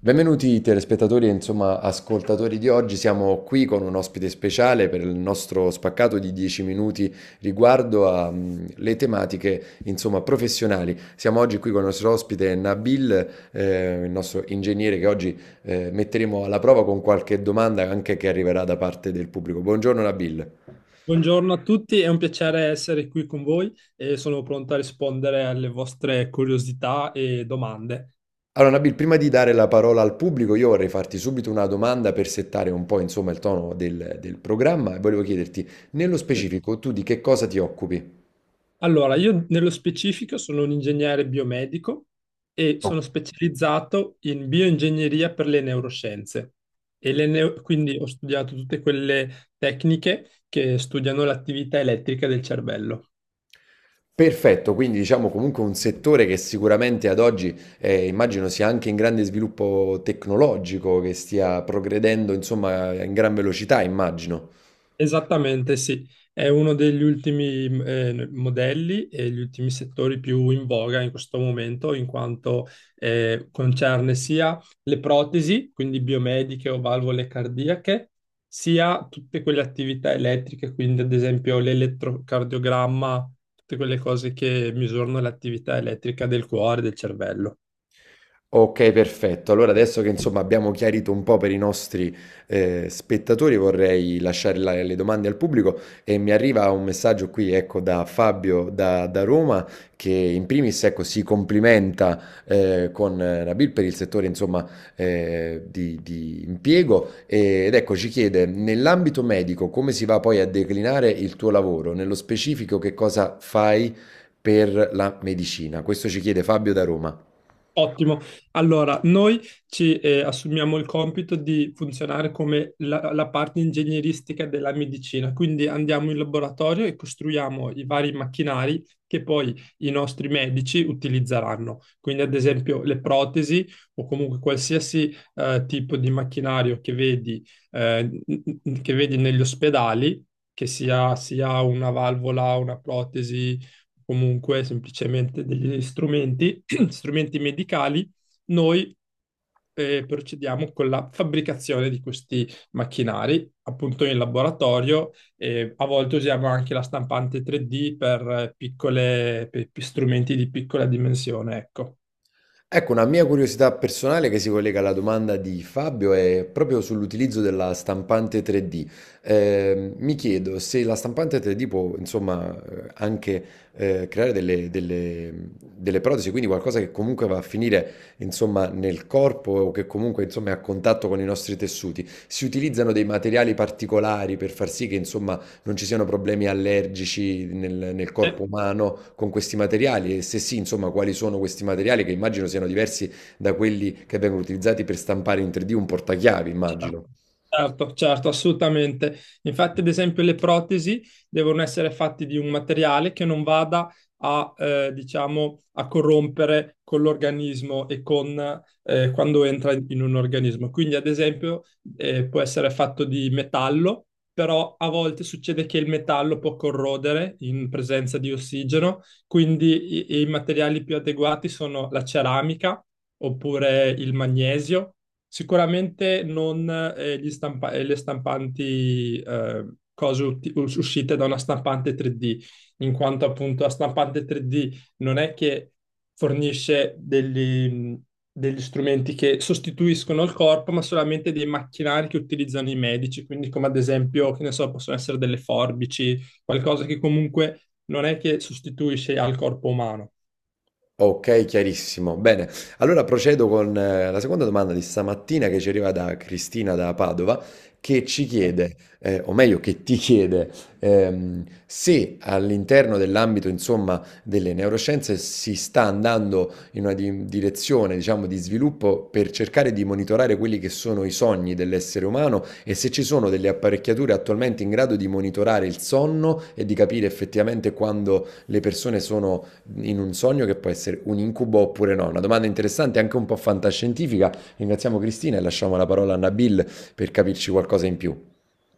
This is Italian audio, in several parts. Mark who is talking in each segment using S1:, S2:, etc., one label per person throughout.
S1: Benvenuti telespettatori e insomma ascoltatori di oggi, siamo qui con un ospite speciale per il nostro spaccato di 10 minuti riguardo alle tematiche insomma professionali. Siamo oggi qui con il nostro ospite Nabil, il nostro ingegnere che oggi metteremo alla prova con qualche domanda anche che arriverà da parte del pubblico. Buongiorno Nabil.
S2: Buongiorno a tutti, è un piacere essere qui con voi e sono pronto a rispondere alle vostre curiosità e domande.
S1: Allora, Nabil, prima di dare la parola al pubblico, io vorrei farti subito una domanda per settare un po', insomma, il tono del programma e volevo chiederti, nello specifico, tu di che cosa ti occupi?
S2: Allora, io nello specifico sono un ingegnere biomedico e sono specializzato in bioingegneria per le neuroscienze. Quindi ho studiato tutte quelle tecniche che studiano l'attività elettrica del cervello.
S1: Perfetto, quindi diciamo comunque un settore che sicuramente ad oggi immagino sia anche in grande sviluppo tecnologico, che stia progredendo, insomma, in gran velocità, immagino.
S2: Esattamente, sì. È uno degli ultimi modelli e gli ultimi settori più in voga in questo momento, in quanto concerne sia le protesi, quindi biomediche o valvole cardiache, sia tutte quelle attività elettriche, quindi ad esempio l'elettrocardiogramma, tutte quelle cose che misurano l'attività elettrica del cuore e del cervello.
S1: Ok, perfetto. Allora adesso che insomma abbiamo chiarito un po' per i nostri spettatori, vorrei lasciare le domande al pubblico e mi arriva un messaggio qui, ecco, da Fabio da Roma che in primis, ecco, si complimenta con Nabil per il settore, insomma, di impiego ed ecco, ci chiede, nell'ambito medico, come si va poi a declinare il tuo lavoro? Nello specifico, che cosa fai per la medicina? Questo ci chiede Fabio da Roma.
S2: Ottimo. Allora, noi ci assumiamo il compito di funzionare come la parte ingegneristica della medicina, quindi andiamo in laboratorio e costruiamo i vari macchinari che poi i nostri medici utilizzeranno. Quindi, ad esempio, le protesi o comunque qualsiasi tipo di macchinario eh, che vedi negli ospedali, sia una valvola, una protesi, comunque semplicemente degli strumenti medicali, noi procediamo con la fabbricazione di questi macchinari, appunto in laboratorio. E a volte usiamo anche la stampante 3D per per strumenti di piccola dimensione, ecco.
S1: Ecco, una mia curiosità personale che si collega alla domanda di Fabio è proprio sull'utilizzo della stampante 3D. Mi chiedo se la stampante 3D può, insomma, anche creare delle protesi, quindi qualcosa che comunque va a finire, insomma, nel corpo o che comunque, insomma, è a contatto con i nostri tessuti. Si utilizzano dei materiali particolari per far sì che, insomma, non ci siano problemi allergici nel
S2: E-
S1: corpo umano con questi materiali e se sì, insomma, quali sono questi materiali che immagino siano diversi da quelli che vengono utilizzati per stampare in 3D un portachiavi,
S2: cioè,
S1: immagino.
S2: certo, certo, assolutamente. Infatti, ad esempio, le protesi devono essere fatte di un materiale che non vada diciamo, a corrompere con l'organismo e quando entra in un organismo. Quindi, ad esempio, può essere fatto di metallo, però a volte succede che il metallo può corrodere in presenza di ossigeno, quindi i materiali più adeguati sono la ceramica oppure il magnesio. Sicuramente non uscite da una stampante 3D, in quanto appunto la stampante 3D non è che fornisce degli strumenti che sostituiscono il corpo, ma solamente dei macchinari che utilizzano i medici, quindi come ad esempio, che ne so, possono essere delle forbici, qualcosa che comunque non è che sostituisce al corpo umano.
S1: Ok, chiarissimo. Bene, allora procedo con la seconda domanda di stamattina che ci arriva da Cristina da Padova, che ci chiede, o meglio che ti chiede, se all'interno dell'ambito, insomma, delle neuroscienze si sta andando in una direzione, diciamo, di sviluppo per cercare di monitorare quelli che sono i sogni dell'essere umano e se ci sono delle apparecchiature attualmente in grado di monitorare il sonno e di capire effettivamente quando le persone sono in un sogno che può essere un incubo oppure no. Una domanda interessante, anche un po' fantascientifica. Ringraziamo Cristina e lasciamo la parola a Nabil per capirci qualcosa in più.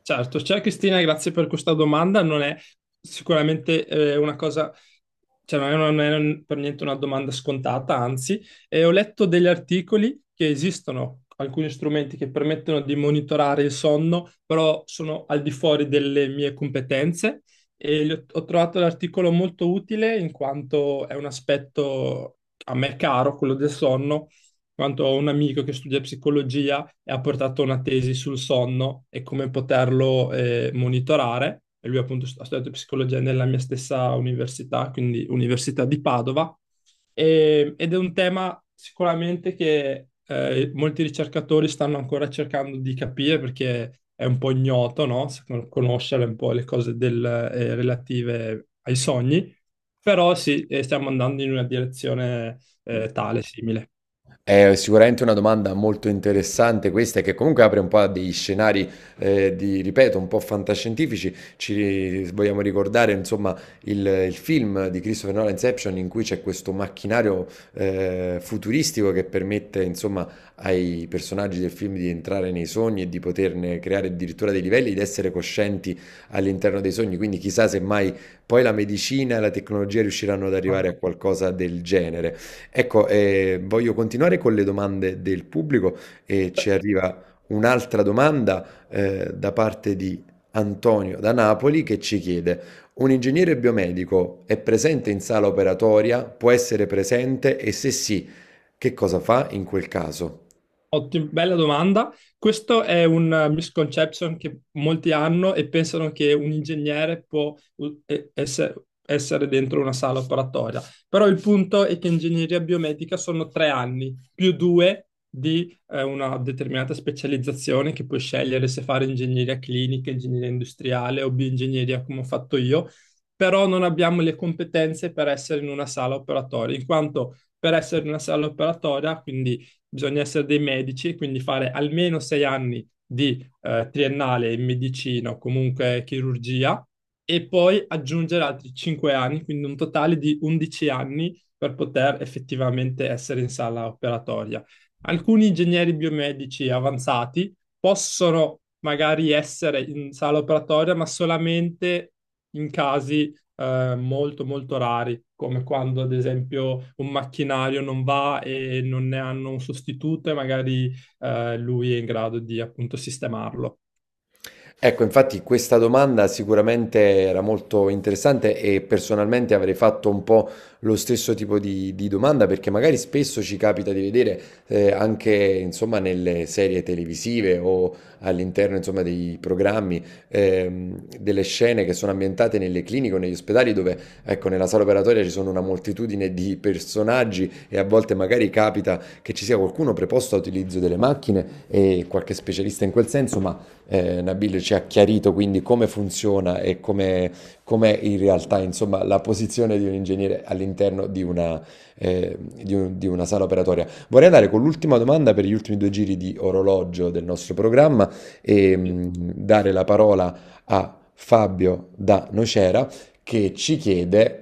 S2: Certo, ciao Cristina, grazie per questa domanda. Non è sicuramente una cosa, cioè non è per niente una domanda scontata, anzi. Ho letto degli articoli che esistono alcuni strumenti che permettono di monitorare il sonno, però sono al di fuori delle mie competenze e ho trovato l'articolo molto utile in quanto è un aspetto a me caro, quello del sonno, in quanto ho un amico che studia psicologia e ha portato una tesi sul sonno e come poterlo monitorare. E lui appunto ha studiato psicologia nella mia stessa università, quindi Università di Padova. Ed è un tema sicuramente che molti ricercatori stanno ancora cercando di capire perché è un po' ignoto, no? Conoscere un po' le cose relative ai sogni, però sì, stiamo andando in una direzione tale, simile.
S1: È sicuramente una domanda molto interessante questa e che comunque apre un po' a degli scenari, di ripeto, un po' fantascientifici. Ci vogliamo ricordare, insomma, il film di Christopher Nolan, Inception, in cui c'è questo macchinario, futuristico che permette, insomma, ai personaggi del film di entrare nei sogni e di poterne creare addirittura dei livelli, di essere coscienti all'interno dei sogni. Quindi chissà se mai poi la medicina e la tecnologia riusciranno ad arrivare a qualcosa del genere. Ecco, voglio continuare con le domande del pubblico e ci arriva un'altra domanda da parte di Antonio da Napoli che ci chiede: un ingegnere biomedico è presente in sala operatoria? Può essere presente? E se sì, che cosa fa in quel caso?
S2: Bella domanda. Questo è un misconception che molti hanno e pensano che un ingegnere può essere dentro una sala operatoria. Però il punto è che ingegneria biomedica sono 3 anni più due di una determinata specializzazione che puoi scegliere se fare ingegneria clinica, ingegneria industriale o bioingegneria come ho fatto io. Però non abbiamo le competenze per essere in una sala operatoria, in quanto per essere in una sala operatoria, quindi bisogna essere dei medici, quindi fare almeno 6 anni di triennale in medicina o comunque chirurgia e poi aggiungere altri 5 anni, quindi un totale di 11 anni per poter effettivamente essere in sala operatoria. Alcuni ingegneri biomedici avanzati possono magari essere in sala operatoria, ma solamente in casi molto molto rari, come quando ad esempio un macchinario non va e non ne hanno un sostituto e magari lui è in grado di appunto sistemarlo.
S1: Ecco, infatti questa domanda sicuramente era molto interessante e personalmente avrei fatto un po' lo stesso tipo di domanda perché magari spesso ci capita di vedere anche insomma nelle serie televisive o all'interno insomma dei programmi delle scene che sono ambientate nelle cliniche o negli ospedali dove ecco nella sala operatoria ci sono una moltitudine di personaggi e a volte magari capita che ci sia qualcuno preposto all'utilizzo delle macchine e qualche specialista in quel senso, ma Nabil ci ha chiarito quindi come funziona e come, com'è in realtà insomma, la posizione di un ingegnere all'interno di una, eh, di una sala operatoria. Vorrei andare con l'ultima domanda per gli ultimi due giri di orologio del nostro programma e dare la parola a Fabio da Nocera che ci chiede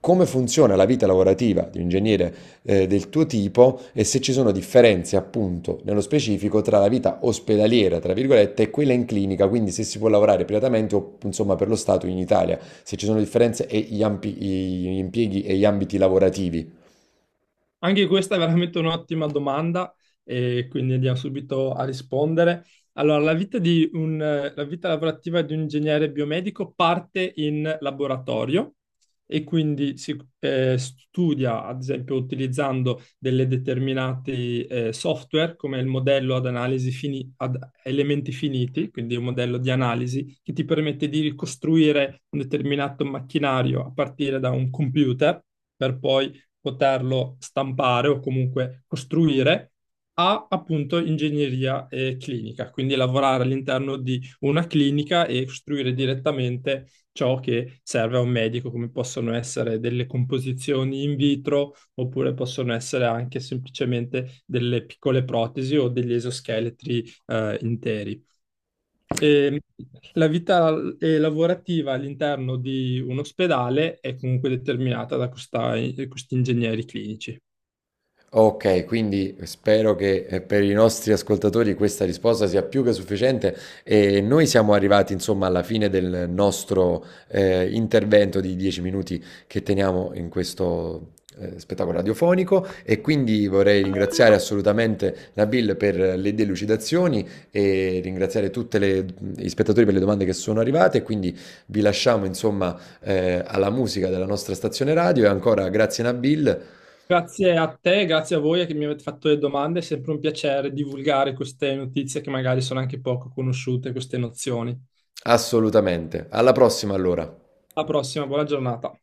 S1: come funziona la vita lavorativa di un ingegnere del tuo tipo e se ci sono differenze, appunto, nello specifico tra la vita ospedaliera, tra virgolette, e quella in clinica, quindi se si può lavorare privatamente o insomma per lo Stato in Italia, se ci sono differenze e gli impieghi e gli ambiti lavorativi.
S2: Anche questa è veramente un'ottima domanda e quindi andiamo subito a rispondere. Allora, la vita lavorativa di un ingegnere biomedico parte in laboratorio e quindi si studia, ad esempio, utilizzando delle determinati software come il modello ad analisi ad elementi finiti, quindi un modello di analisi che ti permette di ricostruire un determinato macchinario a partire da un computer per poi poterlo stampare o comunque costruire, a appunto ingegneria clinica, quindi lavorare all'interno di una clinica e costruire direttamente ciò che serve a un medico, come possono essere delle composizioni in vitro oppure possono essere anche semplicemente delle piccole protesi o degli esoscheletri interi. E la vita lavorativa all'interno di un ospedale è comunque determinata da questi ingegneri clinici.
S1: Okay, quindi spero che, per i nostri ascoltatori questa risposta sia più che sufficiente e noi siamo arrivati insomma alla fine del nostro, intervento di 10 minuti che teniamo in questo, spettacolo radiofonico e quindi vorrei ringraziare assolutamente Nabil per le delucidazioni e ringraziare tutte le gli spettatori per le domande che sono arrivate e quindi vi lasciamo insomma, alla musica della nostra stazione radio e ancora grazie Nabil.
S2: Grazie a te, grazie a voi che mi avete fatto le domande, è sempre un piacere divulgare queste notizie che magari sono anche poco conosciute, queste nozioni.
S1: Assolutamente. Alla prossima allora.
S2: Alla prossima, buona giornata.